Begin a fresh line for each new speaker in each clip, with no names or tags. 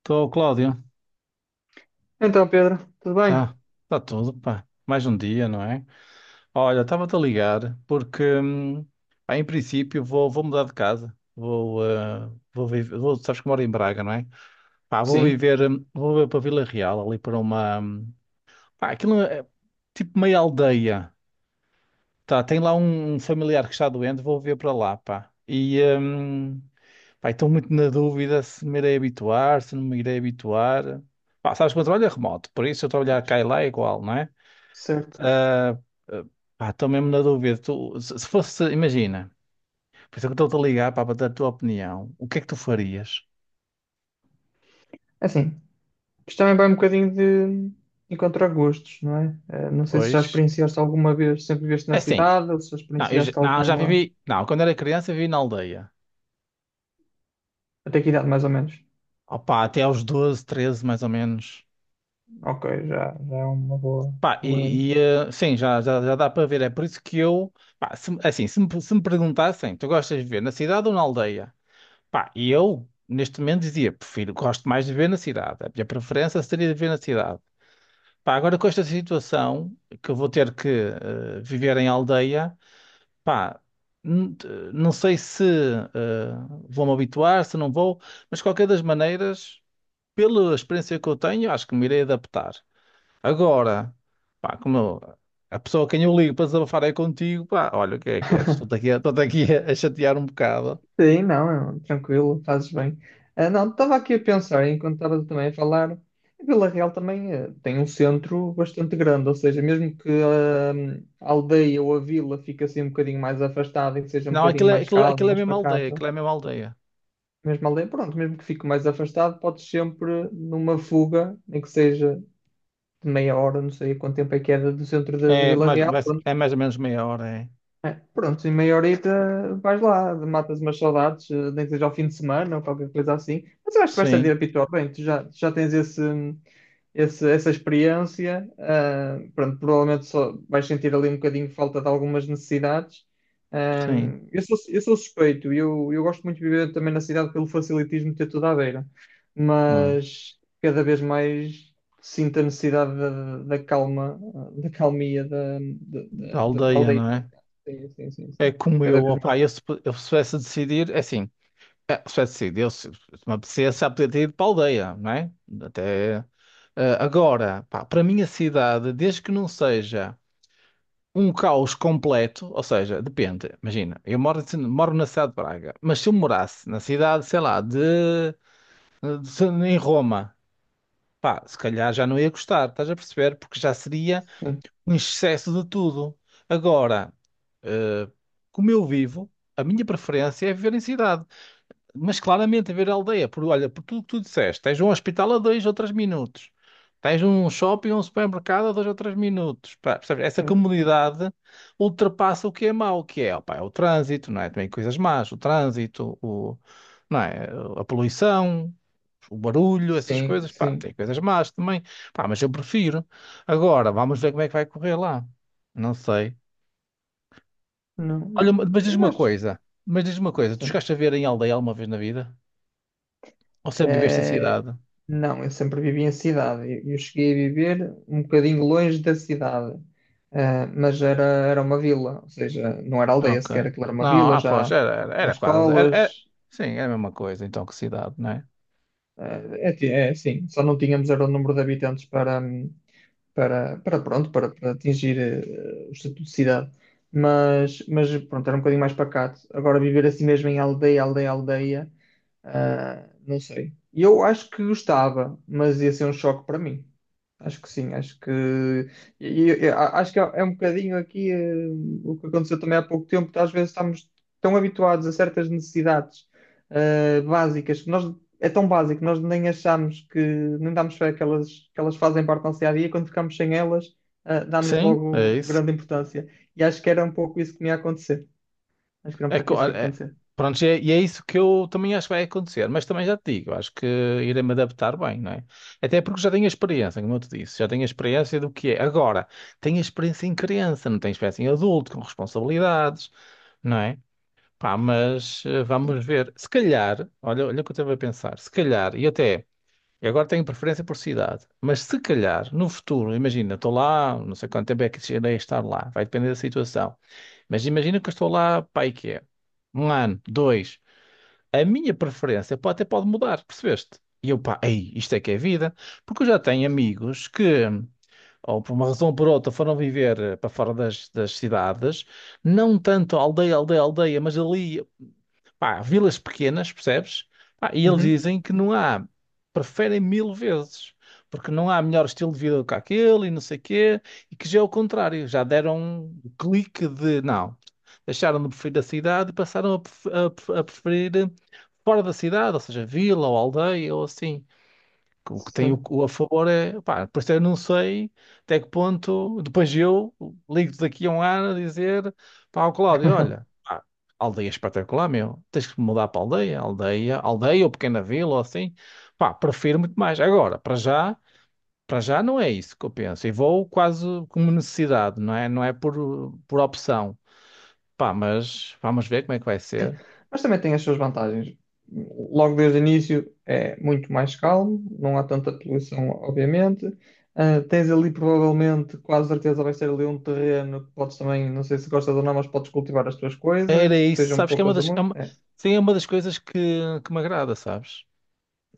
Estou, Cláudio.
Então, Pedro, tudo bem?
Tá, tá tudo, pá. Mais um dia, não é? Olha, estava-te a ligar porque, pá, em princípio, vou mudar de casa. Vou viver, sabes que moro em Braga, não é? Pá, vou
Sim.
viver, hum, vou viver para Vila Real, ali para uma, pá, aquilo é tipo meia aldeia. Tá, tem lá um familiar que está doente, vou viver para lá, pá. E, pá, estou muito na dúvida se me irei habituar, se não me irei habituar. Pá, sabes que o meu trabalho é remoto, por isso eu trabalhar cá e lá é igual, não é?
Certo.
Ah, ah, pá, estou mesmo na dúvida. Tu, se fosse, imagina, por isso é que eu estou a ligar pá, para bater a tua opinião. O que é que tu farias
É assim, isto também vai um bocadinho de encontrar gostos, não é? Não sei se já
hoje?
experienciaste alguma vez, sempre viveste na
É assim,
cidade, ou se já
não, eu já,
experienciaste
não, já
alguma.
vivi. Não, quando era criança vivi na aldeia.
Até que idade, mais ou menos?
Opa, até aos 12, 13 mais ou menos.
Ok, já é uma boa,
Pá,
boa.
sim, já dá para ver. É por isso que eu, pá, se, assim, se me perguntassem, tu gostas de viver na cidade ou na aldeia? Pá, e eu, neste momento, dizia, prefiro, gosto mais de viver na cidade. A minha preferência seria de viver na cidade. Pá, agora com esta situação, que eu vou ter que viver em aldeia, pá, n- t- não sei se eh, vou-me habituar, se não vou, mas de qualquer das maneiras, pela experiência que eu tenho, acho que me irei adaptar. Agora, pá, a pessoa a quem eu ligo para desabafar é contigo, pá, olha o que é, estou-te aqui a chatear um bocado.
Sim, não, é tranquilo, fazes bem. Ah, não, estava aqui a pensar, enquanto estava também a falar, a Vila Real também tem um centro bastante grande, ou seja, mesmo que a aldeia ou a vila fique assim um bocadinho mais afastada e que seja um
Não,
bocadinho
aquilo é,
mais
aquilo,
calma,
aquilo é
mais
mesmo aldeia,
pacata,
aquilo é mesmo aldeia.
mesmo a aldeia, pronto, mesmo que fique mais afastado, podes sempre, numa fuga, nem que seja de meia hora, não sei quanto tempo é que é do centro de
É
Vila
mais,
Real, pronto.
é mais ou menos meia hora, é.
É, pronto, em meia horita vais lá, matas umas saudades, nem que seja ao fim de semana ou qualquer coisa assim. Mas eu acho que vais estar de
Sim,
habituar bem, tu já tens esse, essa experiência. Pronto, provavelmente só vais sentir ali um bocadinho de falta de algumas necessidades. Ah,
sim.
eu sou suspeito, eu gosto muito de viver também na cidade pelo facilitismo de ter tudo à beira,
Hum.
mas cada vez mais sinto a necessidade da calma, da calmia da, da,
Da
da da
aldeia,
aldeia.
não é?
Sim, sim, sim,
É
sim.
como
Cada
eu,
vez
opá, eu se pudesse decidir, é assim, é, se pudesse decidir, eu, se me apetecesse, já podia ter ido para a aldeia, não é? Até, agora, pá, para a minha cidade, desde que não seja um caos completo, ou seja, depende, imagina, eu moro, moro na cidade de Braga, mas se eu morasse na cidade, sei lá, de, em Roma, pá, se calhar já não ia gostar, estás a perceber? Porque já seria
mais. Sim,
um excesso de tudo. Agora, Uh, como eu vivo, a minha preferência é viver em cidade, mas claramente viver em aldeia. Por olha, por tudo que tu disseste, tens um hospital a 2 ou 3 minutos, tens um shopping ou um supermercado a 2 ou 3 minutos, pá, percebes? Essa
hum,
comunidade ultrapassa o que é mau, que é, opá, é o trânsito, não é? Também coisas más, o trânsito, não é? A poluição. O barulho, essas
sim.
coisas, pá,
Sim.
tem coisas más também, pá, mas eu prefiro. Agora, vamos ver como é que vai correr lá. Não sei.
Não,
Olha, mas
eu
diz-me uma
acho.
coisa. Mas diz-me uma coisa. Tu
Sim.
chegaste a ver em aldeia alguma vez na vida? Ou sempre viveste em
Eh,
cidade?
não, eu sempre vivi em cidade. Eu cheguei a viver um bocadinho longe da cidade. Mas era uma vila, ou seja, não era
Ah,
aldeia
ok.
sequer, aquilo era uma
Não,
vila,
ah, pois,
já
era, era,
tinha
era quase. Era, era-
escolas.
sim, era a mesma coisa, então, que cidade, não é?
É, sim, só não tínhamos era o número de habitantes para, para pronto, para atingir o estatuto de cidade. Mas pronto, era um bocadinho mais pacato. Agora viver assim mesmo em aldeia, aldeia, aldeia, não sei. E eu acho que gostava, mas ia ser um choque para mim. Acho que sim, acho que acho que é um bocadinho aqui o que aconteceu também há pouco tempo, que às vezes estamos tão habituados a certas necessidades básicas que nós é tão básico, nós nem achamos que, nem damos fé que elas fazem parte da nossa dia a dia, quando ficamos sem elas, damos
Sim, é
logo
isso.
grande importância. E acho que era um pouco isso que me ia acontecer. Acho que era um
É,
pouco
co-
isso que ia
é-
acontecer.
pronto, e é isso que eu também acho que vai acontecer. Mas também já te digo, acho que irei-me adaptar bem, não é? Até porque já tenho a experiência, como eu te disse. Já tenho a experiência do que é. Agora, tenho a experiência em criança, não tenho experiência em adulto, com responsabilidades, não é? Pá, mas
Sim,
vamos ver. Se calhar, olha, olha o que eu estava a pensar. Se calhar, e até eu agora tenho preferência por cidade, mas se calhar no futuro, imagina, estou lá, não sei quanto tempo é que irei estar lá, vai depender da situação. Mas imagina que eu estou lá, pá, e que é um ano, dois. A minha preferência pode, até pode mudar, percebeste? E eu, pá, ei, isto é que é vida, porque eu já tenho
sim, sim.
amigos que, ou por uma razão ou por outra, foram viver para fora das, das cidades. Não tanto aldeia, aldeia, aldeia, mas ali, pá, vilas pequenas, percebes? Pá, e eles
Uhum.
dizem que não há, preferem mil vezes, porque não há melhor estilo de vida do que aquele e não sei quê, e que já é o contrário, já deram um clique de não, deixaram de preferir a cidade e passaram a, a preferir fora da cidade, ou seja, vila ou aldeia ou assim. O que tem
Sim.
o a favor é, pá, por isso eu não sei até que ponto, depois eu ligo-te daqui a um ano a dizer, pá, ao Cláudio, olha, pá, aldeia é espetacular, meu, tens que mudar para aldeia, aldeia, aldeia ou pequena vila, ou assim, pá, prefiro muito mais. Agora, para já não é isso que eu penso, e vou quase como necessidade, não é? Não é por opção, pá, mas vamos ver como é que vai
Sim.
ser.
Mas também tem as suas vantagens. Logo desde o início é muito mais calmo, não há tanta poluição, obviamente. Ah, tens ali provavelmente, quase certeza, vai ser ali um terreno que podes também, não sei se gostas ou não, mas podes cultivar as tuas
Era
coisas,
isso,
sejam
sabes que é uma
poucas ou
das, é uma,
muitas.
sim, é uma das coisas que me agrada, sabes?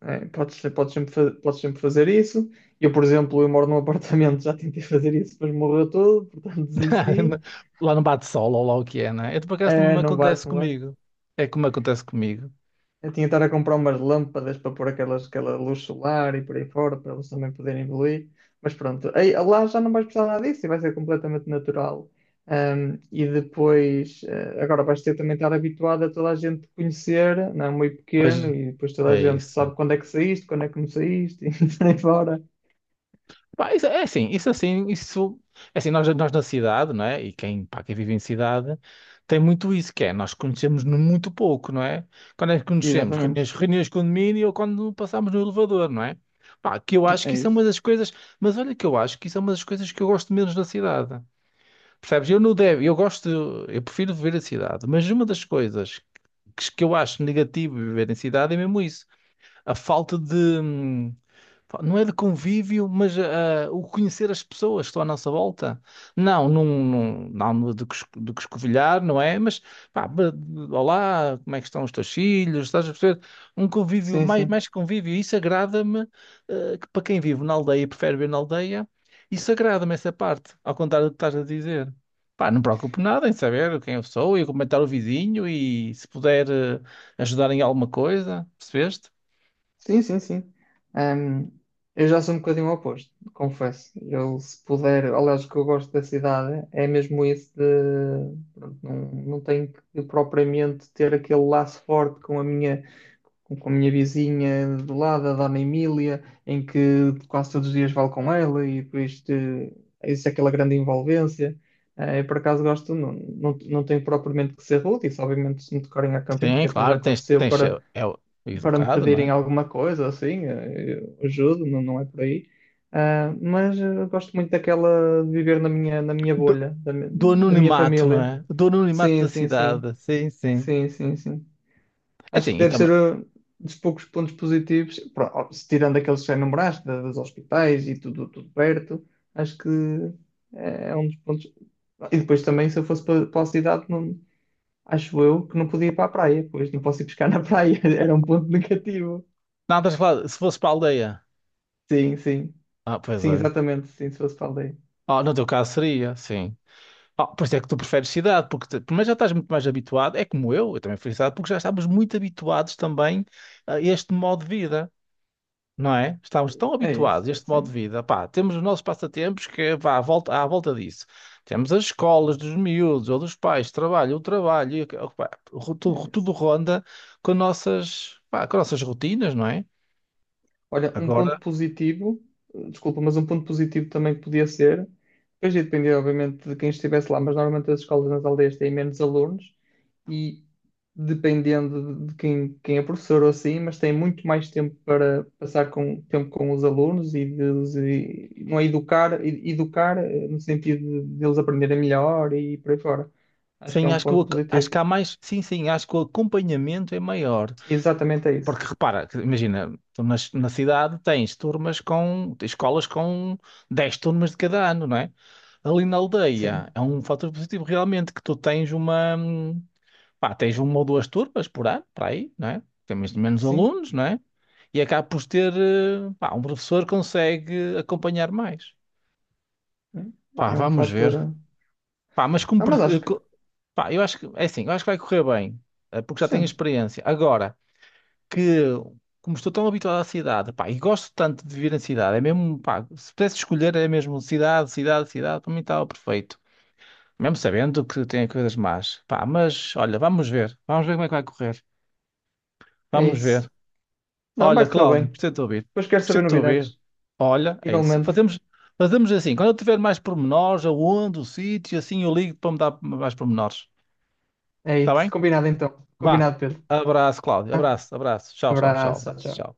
É, podes sempre fazer isso. Eu, por exemplo, eu moro num apartamento, já tentei fazer isso, mas morreu tudo, portanto desisti.
Lá não bate sol, ou lá o que é, né? Eu, por acaso, também me
Não bate,
acontece
não bate.
comigo. É como acontece comigo.
Eu tinha de estar a comprar umas lâmpadas para pôr aquelas, aquela luz solar e por aí fora, para eles também poderem evoluir. Mas pronto, aí, lá já não vais precisar nada disso e vai ser completamente natural. E depois, agora vais ter também de estar habituado a toda a gente te conhecer, não é muito
Pois
pequeno, e depois toda a
é
gente
isso.
sabe quando é que saíste, quando é que não saíste, e por aí fora.
Pá, isso é assim, isso é assim, isso... É assim, nós na cidade, não é? E quem, pá, quem vive em cidade tem muito isso, que é, nós conhecemos muito pouco, não é? Quando é que conhecemos?
Exatamente.
Reuniões, reuniões de condomínio ou quando passamos no elevador, não é? Pá, que eu acho que
É
isso é uma
isso.
das coisas... Mas olha que eu acho que isso é uma das coisas que eu gosto menos na cidade. Percebes? Eu não devo, eu gosto, eu prefiro viver a cidade, mas uma das coisas que eu acho negativo viver em cidade é mesmo isso. A falta de, hum, pá, não é de convívio, mas o conhecer as pessoas que estão à nossa volta. Não, não, não, não no de, de cuscovilhar, não é? Mas, pá, olá, como é que estão os teus filhos? Estás a perceber? Um convívio,
Sim,
mais,
sim.
mais convívio. Isso agrada-me, que para quem vive na aldeia, e prefere viver na aldeia, isso agrada-me essa parte, ao contrário do que estás a dizer. Pá, não me preocupo nada em saber quem eu sou e comentar o vizinho e se puder ajudar em alguma coisa, percebeste?
Sim, sim, sim. Ahm, eu já sou um bocadinho o oposto, confesso. Eu, se puder, aliás, o que eu gosto da cidade é mesmo isso de, pronto, não, não tenho que propriamente ter aquele laço forte com a minha, com a minha vizinha do lado, a Dona Emília, em que quase todos os dias falo com ela e por isto existe aquela grande envolvência. Eu, por acaso, gosto, não, não, não tenho propriamente que ser rude, isso obviamente se me tocarem a camping,
Sim,
que até já
claro, tens,
aconteceu
tens, é,
para
é
me
educado, não
pedirem
é?
alguma coisa, assim, eu ajudo, não, não é por aí. Ah, mas gosto muito daquela de viver na minha,
Do,
bolha, da, mi-
do
da minha
anonimato, não
família.
é? Do anonimato
Sim,
da
sim, sim.
cidade, sim, sim.
Sim, sim, sim.
É
Acho que
assim, eu
deve ser
também.
um dos poucos pontos positivos, ó, se tirando aqueles que já enumeraste, dos hospitais e tudo, tudo perto, acho que é um dos pontos. E depois também, se eu fosse para a cidade, não, acho eu que não podia ir para a praia, pois não posso ir pescar na praia, era um ponto negativo.
Não, estás a falar, se fosse para a aldeia.
Sim, sim.
Ah, pois
Sim,
é.
exatamente. Sim, se fosse para a aldeia.
Ah, no teu caso seria, sim. Ah, por isso é que tu preferes cidade, porque primeiro já estás muito mais habituado, é como eu também fui cidade, porque já estávamos muito habituados também a este modo de vida. Não é? Estamos tão
É
habituados
isso,
a este modo de
sim,
vida. Pá, temos os nossos passatempos que vá à volta disso. Temos as escolas dos miúdos ou dos pais, trabalho, o trabalho, e, pá, tudo,
é
tudo
isso.
ronda com nossas, pá, com nossas rotinas, não é?
Olha, um
Agora,
ponto positivo, desculpa, mas um ponto positivo também que podia ser, depois ia depender, obviamente, de quem estivesse lá, mas normalmente as escolas nas aldeias têm menos alunos e dependendo de quem é professor ou assim, mas têm muito mais tempo para passar com, tempo com os alunos e de os não é educar, educar no sentido de, eles aprenderem melhor e por aí fora. Acho que é
sim,
um
acho que,
ponto
acho
positivo.
que há mais. Sim, sim, acho que o acompanhamento é maior.
Exatamente é isso.
Porque repara, que imagina, tu na cidade tens turmas com. Escolas com 10 turmas de cada ano, não é? Ali na aldeia
Sim.
é um fator positivo realmente que tu tens uma. Pá, tens uma ou duas turmas por ano, para aí, não é? Temos menos
Sim,
alunos, não é? E acaba por ter, pá, um professor consegue acompanhar mais.
é
Pá,
é um
vamos
fator.
ver.
Eh.
Pá, mas como,
Ah, mas acho que
pá, eu acho que, é assim, eu acho que vai correr bem, porque já tenho
sim,
experiência. Agora, que, como estou tão habituado à cidade, pá, e gosto tanto de viver na cidade, é mesmo, pá, se pudesse escolher, é mesmo cidade, cidade, cidade, para mim estava perfeito. Mesmo sabendo que tem coisas más. Pá, mas, olha, vamos ver. Vamos ver como é que vai correr.
é
Vamos
isso.
ver.
Não, vai
Olha,
correr
Cláudio,
bem.
gostei de te ouvir.
Depois quero
Gostei
saber
de te ouvir.
novidades.
Olha, é isso.
Igualmente,
Fazemos, fazemos assim. Quando eu tiver mais pormenores, aonde, o sítio, assim, eu ligo para me dar mais pormenores.
é
Está
isso.
bem?
Combinado então.
Vá.
Combinado, Pedro.
Abraço, Cláudio.
Tá?
Abraço, abraço. Tchau, tchau, tchau.
Abraço,
Abraço,
tchau.
tchau.